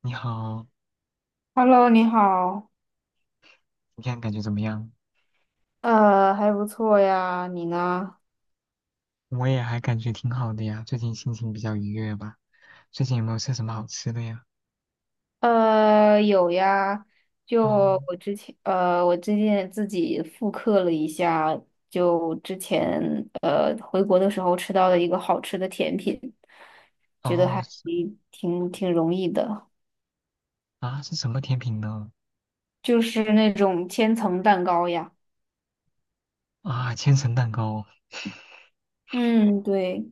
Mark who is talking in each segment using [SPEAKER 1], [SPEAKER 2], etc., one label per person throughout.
[SPEAKER 1] 你好，
[SPEAKER 2] Hello，你好，
[SPEAKER 1] 你看感觉怎么样？
[SPEAKER 2] 还不错呀，你呢？
[SPEAKER 1] 我也还感觉挺好的呀，最近心情比较愉悦吧。最近有没有吃什么好吃的呀？
[SPEAKER 2] 有呀，就
[SPEAKER 1] 嗯。
[SPEAKER 2] 我之前，我最近自己复刻了一下，就之前回国的时候吃到的一个好吃的甜品，觉得
[SPEAKER 1] 哦，
[SPEAKER 2] 还
[SPEAKER 1] 是
[SPEAKER 2] 挺容易的，
[SPEAKER 1] 啊，是什么甜品呢？
[SPEAKER 2] 就是那种千层蛋糕呀。
[SPEAKER 1] 啊，千层蛋糕。
[SPEAKER 2] 嗯，对，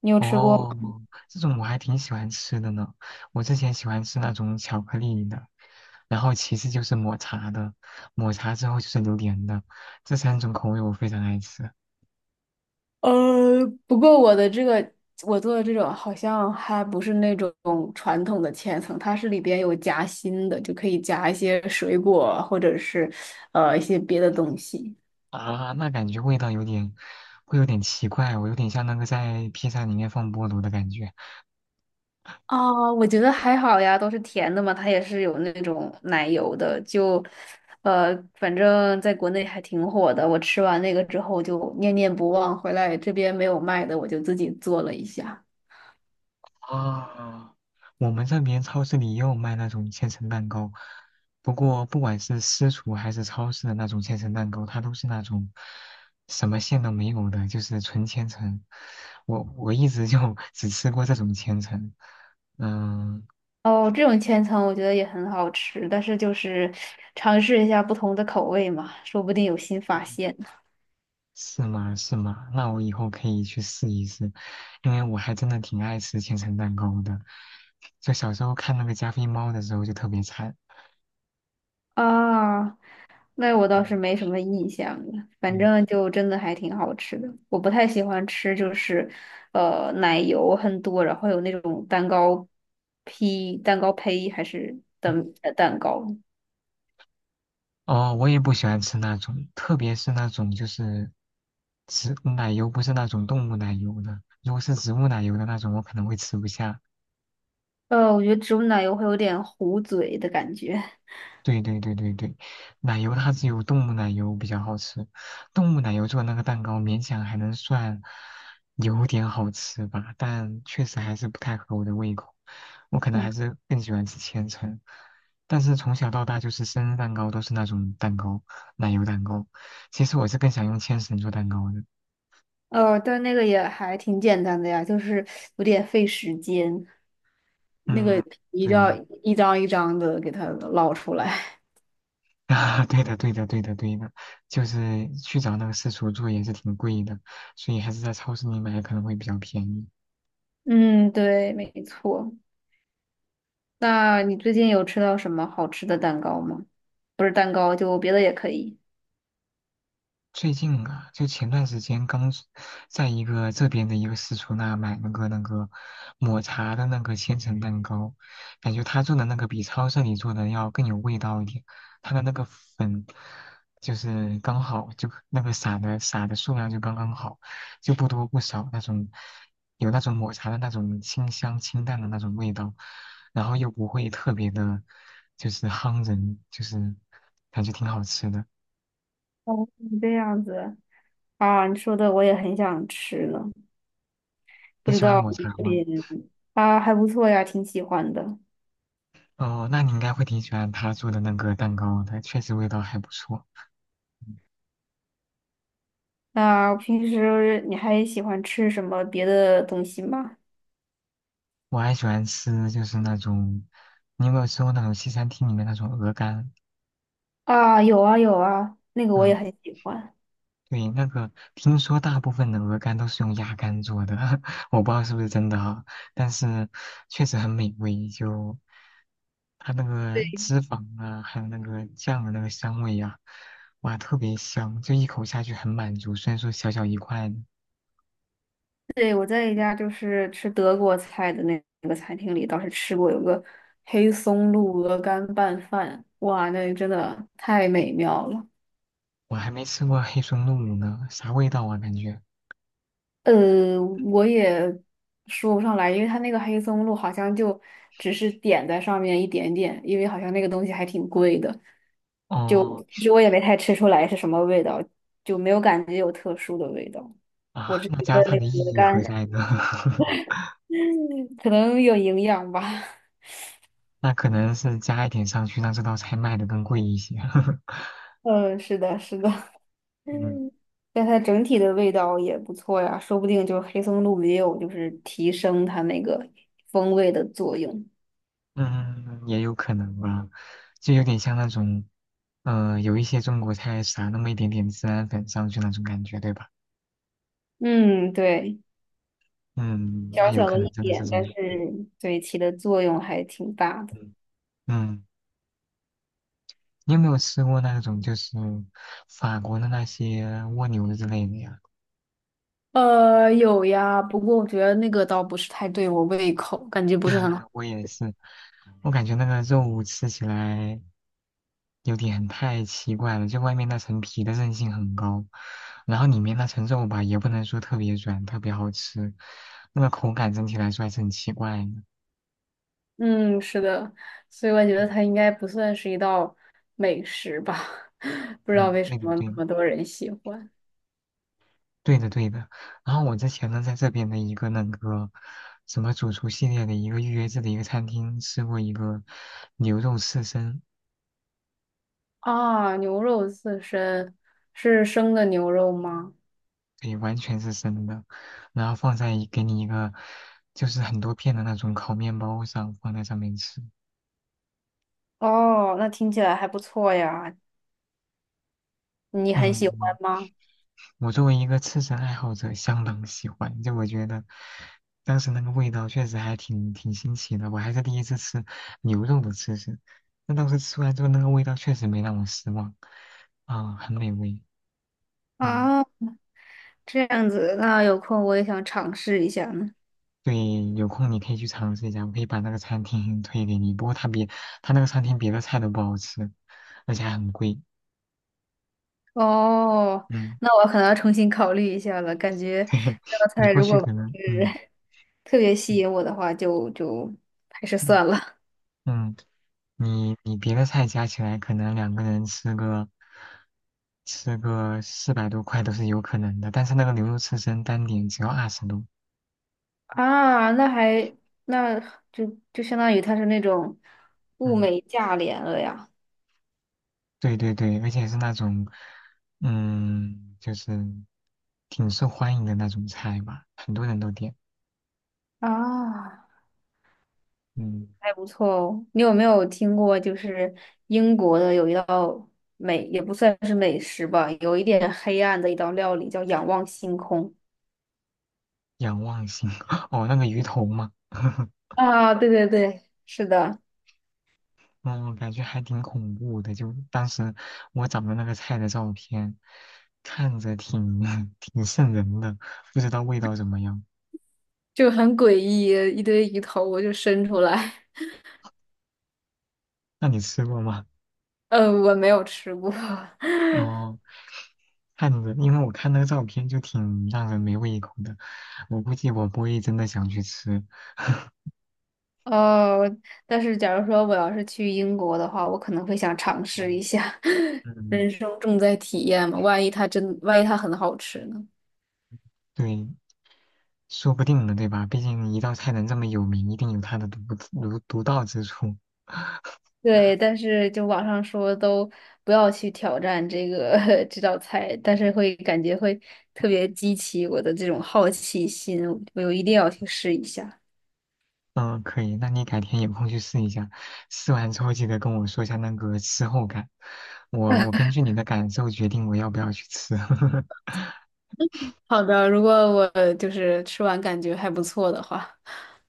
[SPEAKER 2] 你有吃过？
[SPEAKER 1] 哦，这种我还挺喜欢吃的呢。我之前喜欢吃那种巧克力的，然后其次就是抹茶的，抹茶之后就是榴莲的，这三种口味我非常爱吃。
[SPEAKER 2] 不过我的这个我做的这种好像还不是那种传统的千层，它是里边有夹心的，就可以夹一些水果或者是一些别的东西。
[SPEAKER 1] 啊，那感觉味道有点，会有点奇怪，我有点像那个在披萨里面放菠萝的感觉。
[SPEAKER 2] 啊。我觉得还好呀，都是甜的嘛，它也是有那种奶油的，就反正在国内还挺火的。我吃完那个之后就念念不忘，回来这边没有卖的，我就自己做了一下。
[SPEAKER 1] 啊，我们这边超市里也有卖那种千层蛋糕，不过不管是私厨还是超市的那种千层蛋糕，它都是那种什么馅都没有的，就是纯千层。我一直就 只吃过这种千层。嗯。
[SPEAKER 2] 哦，这种千层我觉得也很好吃，但是就是尝试一下不同的口味嘛，说不定有新发
[SPEAKER 1] 嗯，
[SPEAKER 2] 现呢。
[SPEAKER 1] 是吗？是吗？那我以后可以去试一试，因为我还真的挺爱吃千层蛋糕的。就小时候看那个加菲猫的时候就特别馋。
[SPEAKER 2] 啊，那我倒是没什么印象了，反
[SPEAKER 1] 嗯。
[SPEAKER 2] 正就真的还挺好吃的。我不太喜欢吃，就是奶油很多，然后有那种蛋糕胚还是蛋糕。
[SPEAKER 1] 哦，我也不喜欢吃那种，特别是那种就是植奶油，不是那种动物奶油的。如果是植物奶油的那种，我可能会吃不下。
[SPEAKER 2] 我觉得植物奶油会有点糊嘴的感觉。
[SPEAKER 1] 对对对对对，奶油它只有动物奶油比较好吃，动物奶油做的那个蛋糕勉强还能算有点好吃吧，但确实还是不太合我的胃口。我可能还是更喜欢吃千层，但是从小到大就是生日蛋糕都是那种蛋糕，奶油蛋糕。其实我是更想用千层做蛋糕的。
[SPEAKER 2] 但那个也还挺简单的呀，就是有点费时间。那个
[SPEAKER 1] 嗯，
[SPEAKER 2] 皮就要
[SPEAKER 1] 对。
[SPEAKER 2] 一张一张的给它捞出来。
[SPEAKER 1] 啊，对的，对的，对的，对的，就是去找那个私厨做也是挺贵的，所以还是在超市里买可能会比较便宜。
[SPEAKER 2] 嗯，对，没错。那你最近有吃到什么好吃的蛋糕吗？不是蛋糕，就别的也可以。
[SPEAKER 1] 最近啊，就前段时间刚是在一个这边的一个私厨那买那个抹茶的那个千层蛋糕，感觉他做的那个比超市里做的要更有味道一点。他的那个粉就是刚好，就那个撒的数量就刚刚好，就不多不少那种，有那种抹茶的那种清香清淡的那种味道，然后又不会特别的，就是夯人，就是感觉挺好吃的。
[SPEAKER 2] 哦，这样子啊，你说的我也很想吃呢，不
[SPEAKER 1] 你
[SPEAKER 2] 知
[SPEAKER 1] 喜欢
[SPEAKER 2] 道
[SPEAKER 1] 抹
[SPEAKER 2] 我们
[SPEAKER 1] 茶
[SPEAKER 2] 这
[SPEAKER 1] 吗？
[SPEAKER 2] 边。啊，还不错呀，挺喜欢的。
[SPEAKER 1] 哦，那你应该会挺喜欢他做的那个蛋糕的，确实味道还不错。嗯。
[SPEAKER 2] 那平时你还喜欢吃什么别的东西吗？
[SPEAKER 1] 我还喜欢吃就是那种，你有没有吃过那种西餐厅里面那种鹅肝？
[SPEAKER 2] 啊，有啊有啊，那个我也
[SPEAKER 1] 嗯，
[SPEAKER 2] 很喜欢。
[SPEAKER 1] 对，那个听说大部分的鹅肝都是用鸭肝做的，我不知道是不是真的啊，但是确实很美味，就它那个
[SPEAKER 2] 对。
[SPEAKER 1] 脂肪啊，还有那个酱的那个香味呀、哇，特别香，就一口下去很满足，虽然说小小一块。
[SPEAKER 2] 对，我在一家就是吃德国菜的那个餐厅里，倒是吃过有个黑松露鹅肝拌饭，哇，那真的太美妙了。
[SPEAKER 1] 我还没吃过黑松露乳呢，啥味道啊？感觉
[SPEAKER 2] 我也说不上来，因为它那个黑松露好像就只是点在上面一点点，因为好像那个东西还挺贵的，就
[SPEAKER 1] 哦。
[SPEAKER 2] 其实我也没太吃出来是什么味道，就没有感觉有特殊的味道。我
[SPEAKER 1] 啊，
[SPEAKER 2] 只
[SPEAKER 1] 那
[SPEAKER 2] 觉得
[SPEAKER 1] 加它
[SPEAKER 2] 那
[SPEAKER 1] 的
[SPEAKER 2] 个
[SPEAKER 1] 意
[SPEAKER 2] 鹅
[SPEAKER 1] 义
[SPEAKER 2] 肝
[SPEAKER 1] 何在呢？
[SPEAKER 2] 可能有营养吧。
[SPEAKER 1] 那可能是加一点上去，让这道菜卖的更贵一些。
[SPEAKER 2] 嗯，是的，是的。
[SPEAKER 1] 嗯。
[SPEAKER 2] 嗯，但它整体的味道也不错呀，说不定就是黑松露也有就是提升它那个风味的作用。
[SPEAKER 1] 嗯，也有可能吧，就有点像那种，有一些中国菜撒那么一点点孜然粉上去那种感觉，对吧？
[SPEAKER 2] 嗯，对，
[SPEAKER 1] 嗯，那
[SPEAKER 2] 小
[SPEAKER 1] 有
[SPEAKER 2] 小
[SPEAKER 1] 可
[SPEAKER 2] 的
[SPEAKER 1] 能
[SPEAKER 2] 一
[SPEAKER 1] 真的是
[SPEAKER 2] 点，
[SPEAKER 1] 这
[SPEAKER 2] 但是
[SPEAKER 1] 样。
[SPEAKER 2] 对起的作用还挺大的。
[SPEAKER 1] 嗯。嗯，你有没有吃过那种就是法国的那些蜗牛之类的呀？
[SPEAKER 2] 有呀，不过我觉得那个倒不是太对我胃口，感觉不是很好。
[SPEAKER 1] 我也是，我感觉那个肉吃起来有点太奇怪了，就外面那层皮的韧性很高，然后里面那层肉吧，也不能说特别软，特别好吃，那个口感整体来说还是很奇怪的。
[SPEAKER 2] 嗯，是的，所以我觉得它应该不算是一道美食吧，不知
[SPEAKER 1] 嗯，
[SPEAKER 2] 道为什
[SPEAKER 1] 对的，
[SPEAKER 2] 么
[SPEAKER 1] 对
[SPEAKER 2] 那
[SPEAKER 1] 的，
[SPEAKER 2] 么多人喜欢。
[SPEAKER 1] 对的，对的。然后我之前呢，在这边的一个那个什么主厨系列的一个预约制的一个餐厅吃过一个牛肉刺身，
[SPEAKER 2] 啊，牛肉刺身是生的牛肉吗？
[SPEAKER 1] 对，完全是生的，然后放在一给你一个就是很多片的那种烤面包上，放在上面吃。
[SPEAKER 2] 哦，那听起来还不错呀。你很喜欢
[SPEAKER 1] 嗯，
[SPEAKER 2] 吗？
[SPEAKER 1] 我作为一个吃身爱好者，相当喜欢。就我觉得，当时那个味道确实还挺新奇的，我还是第一次吃牛肉的吃身。那当时吃完之后，那个味道确实没让我失望，啊、很美味。嗯，
[SPEAKER 2] 啊，这样子，那有空我也想尝试一下呢。
[SPEAKER 1] 对，有空你可以去尝试一下，我可以把那个餐厅 推给你。不过它比它那个餐厅别的菜都不好吃，而且还很贵。
[SPEAKER 2] 哦，
[SPEAKER 1] 嗯。
[SPEAKER 2] 那我可能要重新考虑一下了，感觉
[SPEAKER 1] 嘿，
[SPEAKER 2] 这道
[SPEAKER 1] 你
[SPEAKER 2] 菜
[SPEAKER 1] 过
[SPEAKER 2] 如
[SPEAKER 1] 去
[SPEAKER 2] 果不
[SPEAKER 1] 可能，嗯。
[SPEAKER 2] 是 特别
[SPEAKER 1] 嗯。
[SPEAKER 2] 吸引我的话，就还是
[SPEAKER 1] 嗯。
[SPEAKER 2] 算了。
[SPEAKER 1] 嗯，你你别的菜加起来，可能两个人吃个四百多块都是有可能的，但是那个牛肉刺身单点只要二十多。
[SPEAKER 2] 啊，那就相当于它是那种物
[SPEAKER 1] 嗯，
[SPEAKER 2] 美价廉了呀。
[SPEAKER 1] 对对对，而且是那种嗯，就是挺受欢迎的那种菜吧，很多人都点。
[SPEAKER 2] 啊。
[SPEAKER 1] 嗯。
[SPEAKER 2] 还不错哦。你有没有听过，就是英国的有一道美，也不算是美食吧，有一点黑暗的一道料理叫仰望星空。
[SPEAKER 1] 仰望星 哦，那个鱼头嘛。
[SPEAKER 2] 啊，对对对，是的，
[SPEAKER 1] 嗯，感觉还挺恐怖的。就当时我找的那个菜的照片，看着挺 挺瘆人的，不知道味道怎么样。
[SPEAKER 2] 就很诡异，一堆鱼头就伸出来。
[SPEAKER 1] 那你吃过吗？
[SPEAKER 2] 我没有吃过。
[SPEAKER 1] 哦，看着，因为我看那个照片就挺让人没胃口的，我估计我不会真的想去吃。
[SPEAKER 2] 哦，但是假如说我要是去英国的话，我可能会想尝试一下。
[SPEAKER 1] 嗯，
[SPEAKER 2] 人生重在体验嘛，万一它很好吃呢？
[SPEAKER 1] 对，说不定呢，对吧？毕竟一道菜能这么有名，一定有它的独到之处。
[SPEAKER 2] 对，但是就网上说都不要去挑战这个 这道菜，但是会感觉会特别激起我的这种好奇心，我一定要去试一下。
[SPEAKER 1] 嗯，可以，那你改天有空去试一下，试完之后记得跟我说一下那个吃后感，我根据你的感受决定我要不要去吃。
[SPEAKER 2] 好的，如果我就是吃完感觉还不错的话，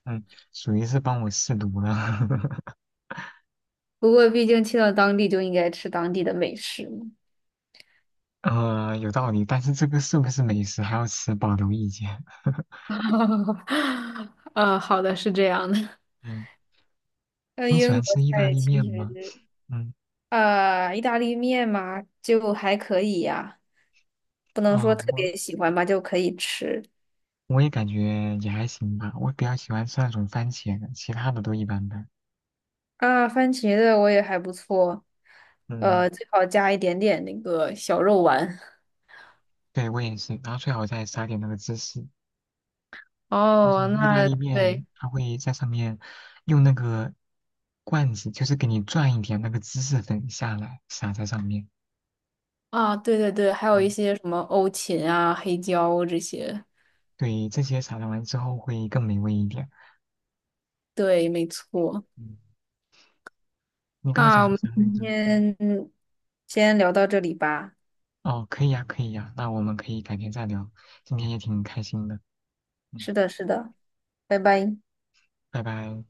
[SPEAKER 1] 嗯，属于是帮我试毒了。
[SPEAKER 2] 不过毕竟去到当地就应该吃当地的美食嘛。
[SPEAKER 1] 有道理，但是这个是不是美食还要持保留意见。
[SPEAKER 2] 啊，好的，是这样的。
[SPEAKER 1] 嗯。
[SPEAKER 2] 那
[SPEAKER 1] 你喜
[SPEAKER 2] 英
[SPEAKER 1] 欢
[SPEAKER 2] 国
[SPEAKER 1] 吃意大
[SPEAKER 2] 菜
[SPEAKER 1] 利
[SPEAKER 2] 其
[SPEAKER 1] 面吗？
[SPEAKER 2] 实，
[SPEAKER 1] 嗯。
[SPEAKER 2] 意大利面嘛，就还可以呀、不能说
[SPEAKER 1] 啊、
[SPEAKER 2] 特
[SPEAKER 1] 我
[SPEAKER 2] 别喜欢吧，就可以吃。
[SPEAKER 1] 我也感觉也还行吧，我比较喜欢吃那种番茄的，其他的都一般般。
[SPEAKER 2] 啊，番茄的我也还不错，
[SPEAKER 1] 嗯，
[SPEAKER 2] 最好加一点点那个小肉丸。
[SPEAKER 1] 对，我也是，然后最好再撒点那个芝士，就
[SPEAKER 2] 哦，
[SPEAKER 1] 是意大
[SPEAKER 2] 那
[SPEAKER 1] 利面，
[SPEAKER 2] 对
[SPEAKER 1] 它会在上面用那个罐子，就是给你转一点那个芝士粉下来，撒在上面。
[SPEAKER 2] 啊，对对对，还有一
[SPEAKER 1] 嗯，
[SPEAKER 2] 些什么欧芹啊、黑椒这些。
[SPEAKER 1] 对，这些撒上完之后会更美味一点。
[SPEAKER 2] 对，没错。
[SPEAKER 1] 嗯，你刚刚想
[SPEAKER 2] 那我
[SPEAKER 1] 说
[SPEAKER 2] 们
[SPEAKER 1] 啥来
[SPEAKER 2] 今
[SPEAKER 1] 着？嗯。
[SPEAKER 2] 天先聊到这里吧。
[SPEAKER 1] 哦，可以呀，可以呀，那我们可以改天再聊。今天也挺开心的。嗯。
[SPEAKER 2] 是的，是的，拜拜。
[SPEAKER 1] 拜拜。